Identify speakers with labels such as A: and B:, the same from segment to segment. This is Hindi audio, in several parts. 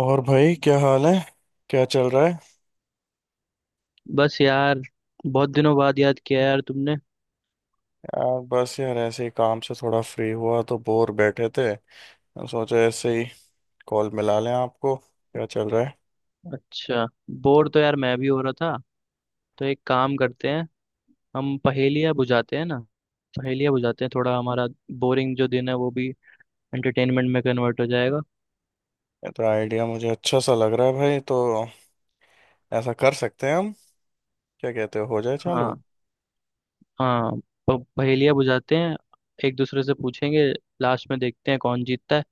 A: और भाई क्या हाल है? क्या चल रहा है?
B: बस यार। बहुत दिनों बाद याद किया यार तुमने।
A: यार बस यार, ऐसे ही काम से थोड़ा फ्री हुआ तो बोर बैठे थे, तो सोचा ऐसे ही कॉल मिला लें। आपको क्या चल रहा है?
B: अच्छा, बोर तो यार मैं भी हो रहा था। तो एक काम करते हैं, हम पहेलियाँ बुझाते हैं ना। पहेलियाँ बुझाते हैं, थोड़ा हमारा बोरिंग जो दिन है वो भी एंटरटेनमेंट में कन्वर्ट हो जाएगा।
A: ये तो आइडिया मुझे अच्छा सा लग रहा है भाई। तो ऐसा कर सकते हैं हम, क्या कहते हो जाए चालू?
B: हाँ, हाँ। पहेलियाँ बुझाते हैं, एक दूसरे से पूछेंगे, लास्ट में देखते हैं कौन जीतता है।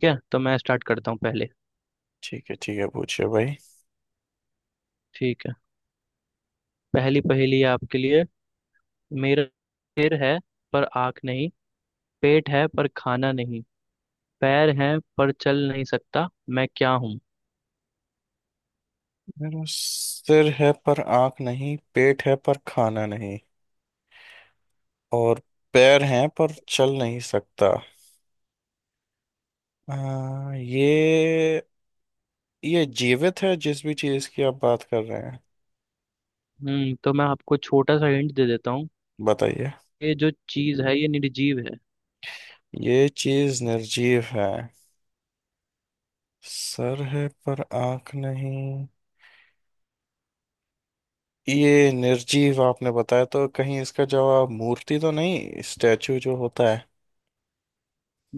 B: ठीक है, तो मैं स्टार्ट करता हूँ पहले।
A: ठीक है ठीक है, पूछिए भाई।
B: ठीक है। पहली पहेली है आपके लिए। मेरा सिर है पर आँख नहीं, पेट है पर खाना नहीं, पैर हैं पर चल नहीं सकता, मैं क्या हूँ?
A: मेरा सिर है पर आंख नहीं, पेट है पर खाना नहीं, और पैर हैं पर चल नहीं सकता। ये जीवित है जिस भी चीज की आप बात कर रहे हैं?
B: तो मैं आपको छोटा सा हिंट दे देता हूँ।
A: बताइए।
B: ये जो चीज है ये निर्जीव है।
A: ये चीज निर्जीव है। सर है पर आंख नहीं। ये निर्जीव आपने बताया, तो कहीं इसका जवाब मूर्ति तो नहीं, स्टैचू जो होता है?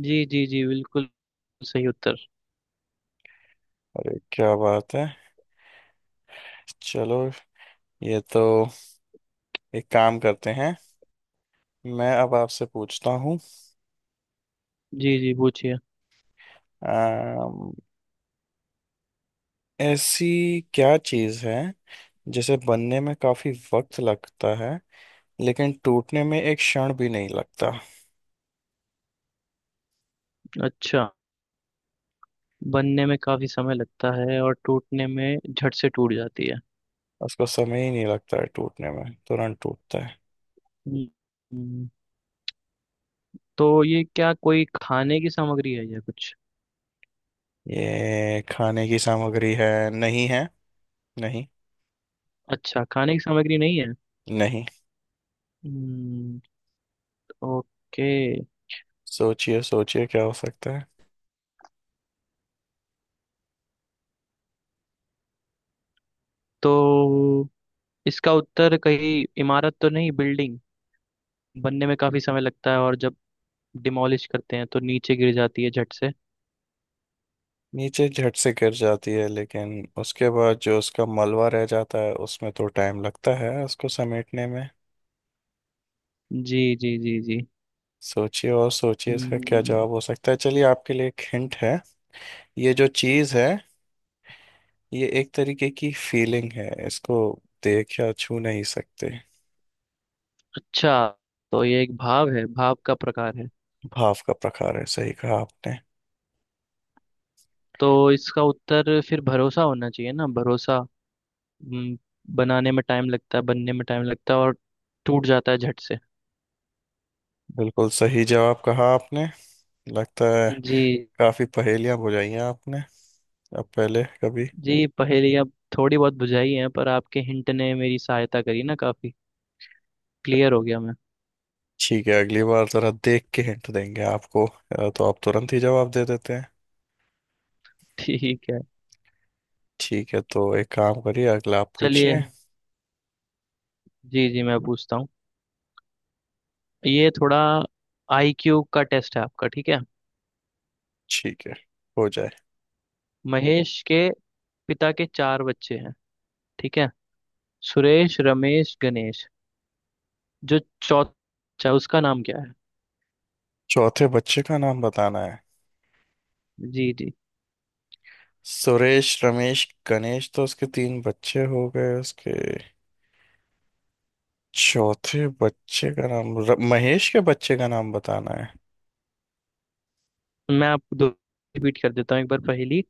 B: जी जी जी, बिल्कुल सही उत्तर।
A: अरे क्या बात है! चलो, ये तो एक काम करते हैं, मैं अब आपसे पूछता हूँ।
B: जी जी, पूछिए।
A: अम, ऐसी क्या चीज है जिसे बनने में काफी वक्त लगता है लेकिन टूटने में एक क्षण भी नहीं लगता?
B: अच्छा, बनने में काफी समय लगता है और टूटने में झट से टूट जाती है।
A: उसको समय ही नहीं लगता है टूटने में, तुरंत टूटता है।
B: हम्म, हम्म, तो ये क्या कोई खाने की सामग्री है या कुछ?
A: ये खाने की सामग्री है? नहीं है। नहीं।
B: अच्छा, खाने की सामग्री नहीं है।
A: नहीं।
B: हम्म, ओके।
A: सोचिए सोचिए क्या हो सकता है।
B: तो इसका उत्तर कहीं इमारत तो नहीं, बिल्डिंग? बनने में काफी समय लगता है और जब डिमोलिश करते हैं तो नीचे गिर जाती है झट से।
A: नीचे झट से गिर जाती है लेकिन उसके बाद जो उसका मलबा रह जाता है, उसमें तो टाइम लगता है उसको समेटने में।
B: जी जी जी जी।
A: सोचिए और सोचिए इसका क्या
B: हम्म,
A: जवाब हो सकता है। चलिए, आपके लिए एक हिंट है। ये जो चीज़ है, ये एक तरीके की फीलिंग है, इसको देख या छू नहीं सकते।
B: अच्छा, तो ये एक भाव है, भाव का प्रकार है।
A: भाव का प्रकार है, सही कहा आपने।
B: तो इसका उत्तर फिर भरोसा होना चाहिए ना, भरोसा। हम्म, बनाने में टाइम लगता है, बनने में टाइम लगता है और टूट जाता है झट से।
A: बिल्कुल सही जवाब कहा आपने, लगता है।
B: जी।
A: काफी पहेलियां बुझाई हैं आपने, अब पहले कभी।
B: जी पहेलियाँ थोड़ी बहुत बुझाई हैं, पर आपके हिंट ने मेरी सहायता करी ना काफी, क्लियर हो गया मैं।
A: ठीक है, अगली बार जरा देख के हिंट देंगे आपको, तो आप तुरंत ही जवाब दे देते हैं।
B: ठीक है।
A: ठीक है, तो एक काम करिए, अगला आप
B: चलिए
A: पूछिए।
B: जी, जी मैं पूछता हूँ। ये थोड़ा आईक्यू का टेस्ट है आपका, ठीक है?
A: ठीक है, हो जाए।
B: महेश के पिता के चार बच्चे हैं, ठीक है। सुरेश, रमेश, गणेश। जो चौथा बच्चा, उसका नाम क्या है?
A: चौथे बच्चे का नाम बताना है?
B: जी जी।
A: सुरेश रमेश गणेश, तो उसके तीन बच्चे हो गए उसके। चौथे बच्चे का नाम महेश के बच्चे का नाम बताना है?
B: मैं आपको दो रिपीट कर देता हूँ एक बार पहली।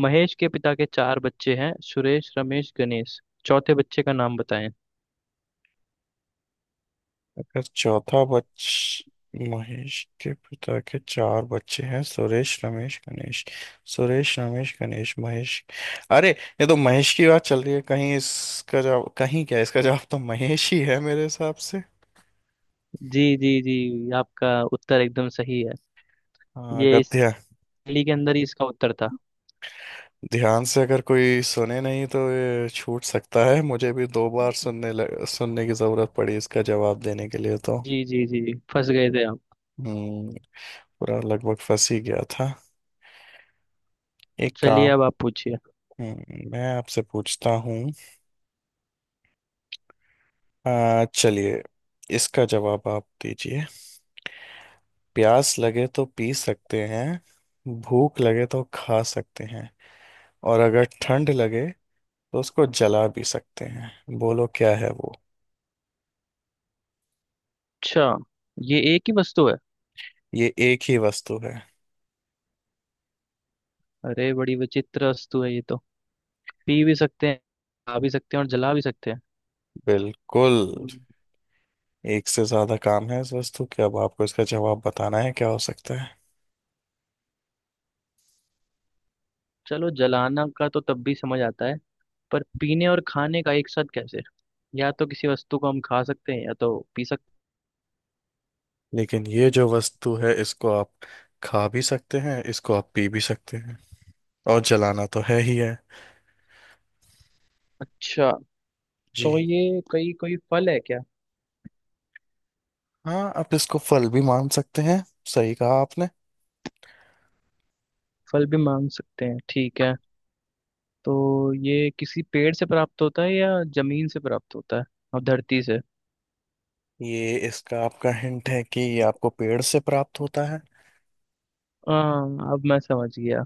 B: महेश के पिता के चार बच्चे हैं, सुरेश, रमेश, गणेश। चौथे बच्चे का नाम बताएं।
A: अगर चौथा बच महेश के पिता के चार बच्चे हैं, सुरेश रमेश गणेश। सुरेश रमेश गणेश महेश। अरे, ये तो महेश की बात चल रही है। कहीं इसका जवाब, कहीं क्या इसका जवाब, तो महेश ही है मेरे हिसाब से।
B: जी जी जी, आपका उत्तर एकदम सही है।
A: हाँ, अगर
B: ये इस पहेली के अंदर ही इसका उत्तर था।
A: ध्यान से अगर कोई सुने नहीं तो ये छूट सकता है। मुझे भी दो बार सुनने की जरूरत पड़ी इसका जवाब देने के लिए तो।
B: जी जी जी, फंस गए थे आप।
A: हम्म। पूरा लगभग फंस ही गया था। एक
B: चलिए
A: काम।
B: अब आप पूछिए।
A: मैं आपसे पूछता हूँ। चलिए, इसका जवाब आप दीजिए। प्यास लगे तो पी सकते हैं, भूख लगे तो खा सकते हैं, और अगर ठंड लगे तो उसको जला भी सकते हैं। बोलो क्या है वो?
B: अच्छा, ये एक ही वस्तु है?
A: ये एक ही वस्तु है।
B: अरे बड़ी विचित्र वस्तु है ये तो। पी भी सकते हैं, खा भी सकते हैं और जला भी सकते हैं।
A: बिल्कुल।
B: हम्म,
A: एक से ज्यादा काम है इस वस्तु के, अब आपको इसका जवाब बताना है क्या हो सकता है।
B: चलो, जलाना का तो तब भी समझ आता है, पर पीने और खाने का एक साथ कैसे? या तो किसी वस्तु को हम खा सकते हैं या तो पी सकते।
A: लेकिन ये जो वस्तु है, इसको आप खा भी सकते हैं, इसको आप पी भी सकते हैं, और जलाना तो है ही है।
B: अच्छा, तो
A: जी।
B: ये कई कोई फल है क्या?
A: हाँ, आप इसको फल भी मान सकते हैं। सही कहा आपने।
B: फल भी मांग सकते हैं, ठीक है। तो ये किसी पेड़ से प्राप्त होता है या जमीन से प्राप्त होता है और धरती से?
A: ये इसका आपका हिंट है कि ये आपको पेड़ से प्राप्त होता है।
B: हाँ अब मैं समझ गया।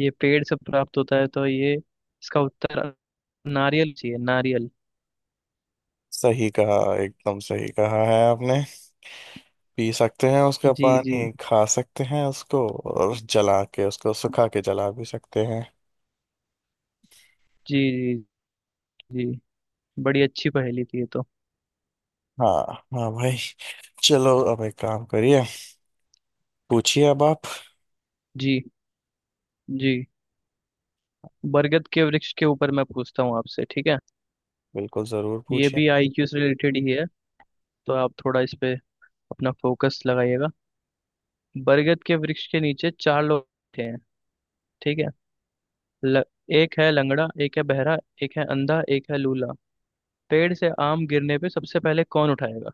B: ये पेड़ से प्राप्त होता है, तो ये इसका उत्तर नारियल, चाहिए नारियल।
A: सही कहा, एकदम सही कहा है आपने। पी सकते हैं उसका
B: जी जी
A: पानी, खा सकते हैं उसको, और जला के, उसको सुखा के जला भी सकते हैं।
B: जी जी जी। बड़ी अच्छी पहेली थी ये तो।
A: हाँ, हाँ भाई। चलो अब एक काम करिए, पूछिए अब आप।
B: जी जी। बरगद के वृक्ष के ऊपर मैं पूछता हूँ आपसे, ठीक है?
A: बिल्कुल, जरूर
B: ये
A: पूछिए।
B: भी आईक्यू से रिलेटेड ही है, तो आप थोड़ा इस पे अपना फोकस लगाइएगा। बरगद के वृक्ष के नीचे चार लोग बैठे हैं, ठीक है। ल, एक है लंगड़ा, एक है बहरा, एक है अंधा, एक है लूला। पेड़ से आम गिरने पे सबसे पहले कौन उठाएगा?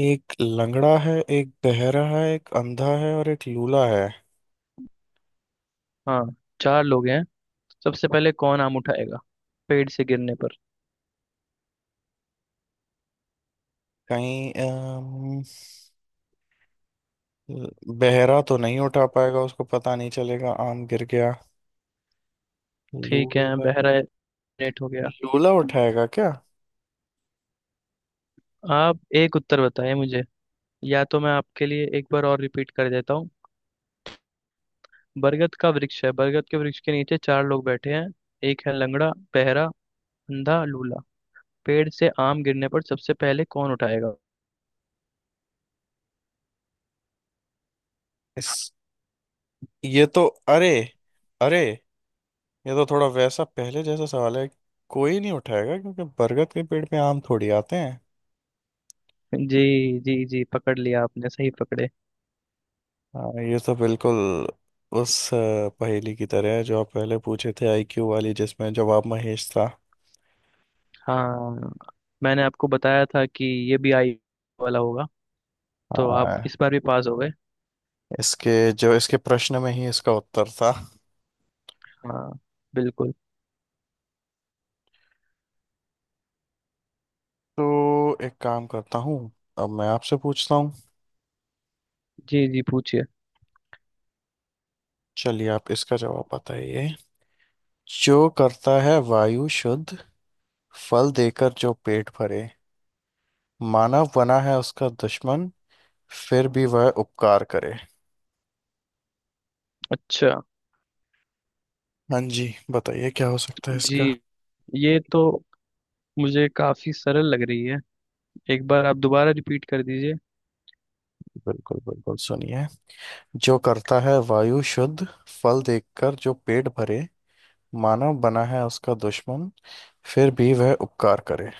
A: एक लंगड़ा है, एक बहरा है, एक अंधा है और एक लूला है।
B: हाँ, चार लोग हैं। सबसे पहले कौन आम उठाएगा पेड़ से गिरने पर?
A: कहीं बहरा तो नहीं उठा पाएगा, उसको पता नहीं चलेगा आम गिर गया।
B: ठीक है
A: लूला?
B: बहरा, नेट हो गया।
A: लूला उठाएगा क्या?
B: आप एक उत्तर बताएं मुझे, या तो मैं आपके लिए एक बार और रिपीट कर देता हूँ। बरगद का वृक्ष है, बरगद के वृक्ष के नीचे चार लोग बैठे हैं। एक है लंगड़ा, बहरा, अंधा, लूला। पेड़ से आम गिरने पर सबसे पहले कौन उठाएगा?
A: इस ये तो, अरे, अरे, ये तो थोड़ा वैसा पहले जैसा सवाल है। कोई नहीं उठाएगा क्योंकि बरगद के पेड़ पे आम थोड़ी आते हैं।
B: जी जी जी, पकड़ लिया आपने, सही पकड़े।
A: हाँ, ये तो बिल्कुल उस पहेली की तरह है जो आप पहले पूछे थे, आईक्यू वाली, जिसमें जवाब महेश था।
B: हाँ, मैंने आपको बताया था कि ये भी आई वाला होगा। तो आप
A: हाँ,
B: इस बार भी पास हो गए।
A: इसके जो इसके प्रश्न में ही इसका उत्तर था।
B: हाँ, बिल्कुल।
A: तो एक काम करता हूँ, अब मैं आपसे पूछता हूँ।
B: जी जी पूछिए।
A: चलिए, आप इसका जवाब बताइए। जो करता है वायु शुद्ध, फल देकर जो पेट भरे, मानव बना है उसका दुश्मन, फिर भी वह उपकार करे।
B: अच्छा
A: हाँ जी, बताइए क्या हो सकता है
B: जी,
A: इसका।
B: ये तो मुझे काफी सरल लग रही है। एक बार आप दोबारा रिपीट कर दीजिए।
A: बिल्कुल बिल्कुल, सुनिए। जो करता है वायु शुद्ध, फल देकर जो पेट भरे, मानव बना है उसका दुश्मन, फिर भी वह उपकार करे।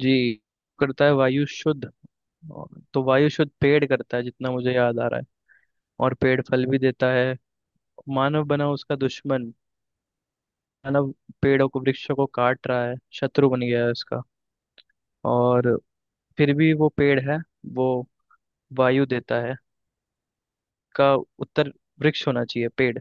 B: जी, करता है वायु शुद्ध, तो वायु शुद्ध पेड़ करता है जितना मुझे याद आ रहा है। और पेड़ फल भी देता है। मानव बना उसका दुश्मन, मानव पेड़ों को, वृक्षों को काट रहा है, शत्रु बन गया है उसका। और फिर भी वो पेड़ है, वो वायु देता है। का उत्तर वृक्ष होना चाहिए, पेड़।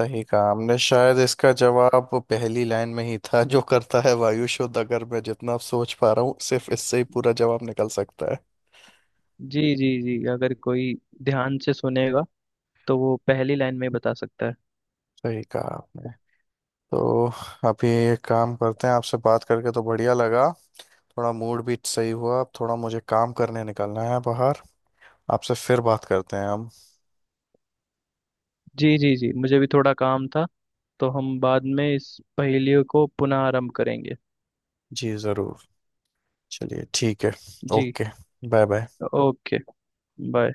A: सही कहा हमने, शायद इसका जवाब पहली लाइन में ही था, जो करता है वायु शुद्ध। अगर मैं जितना अब सोच पा रहा हूँ, सिर्फ इससे ही पूरा जवाब निकल सकता है।
B: जी जी जी, अगर कोई ध्यान से सुनेगा तो वो पहली लाइन में ही बता सकता है।
A: सही कहा आपने। तो अभी एक काम करते हैं, आपसे बात करके तो बढ़िया लगा, थोड़ा मूड भी सही हुआ। अब थोड़ा मुझे काम करने निकलना है बाहर, आपसे फिर बात करते हैं हम।
B: जी। जी जी, मुझे भी थोड़ा काम था। तो हम बाद में इस पहेलियों को पुनः आरंभ करेंगे।
A: जी ज़रूर। चलिए ठीक है।
B: जी।
A: Okay. Bye bye.
B: Okay. Bye.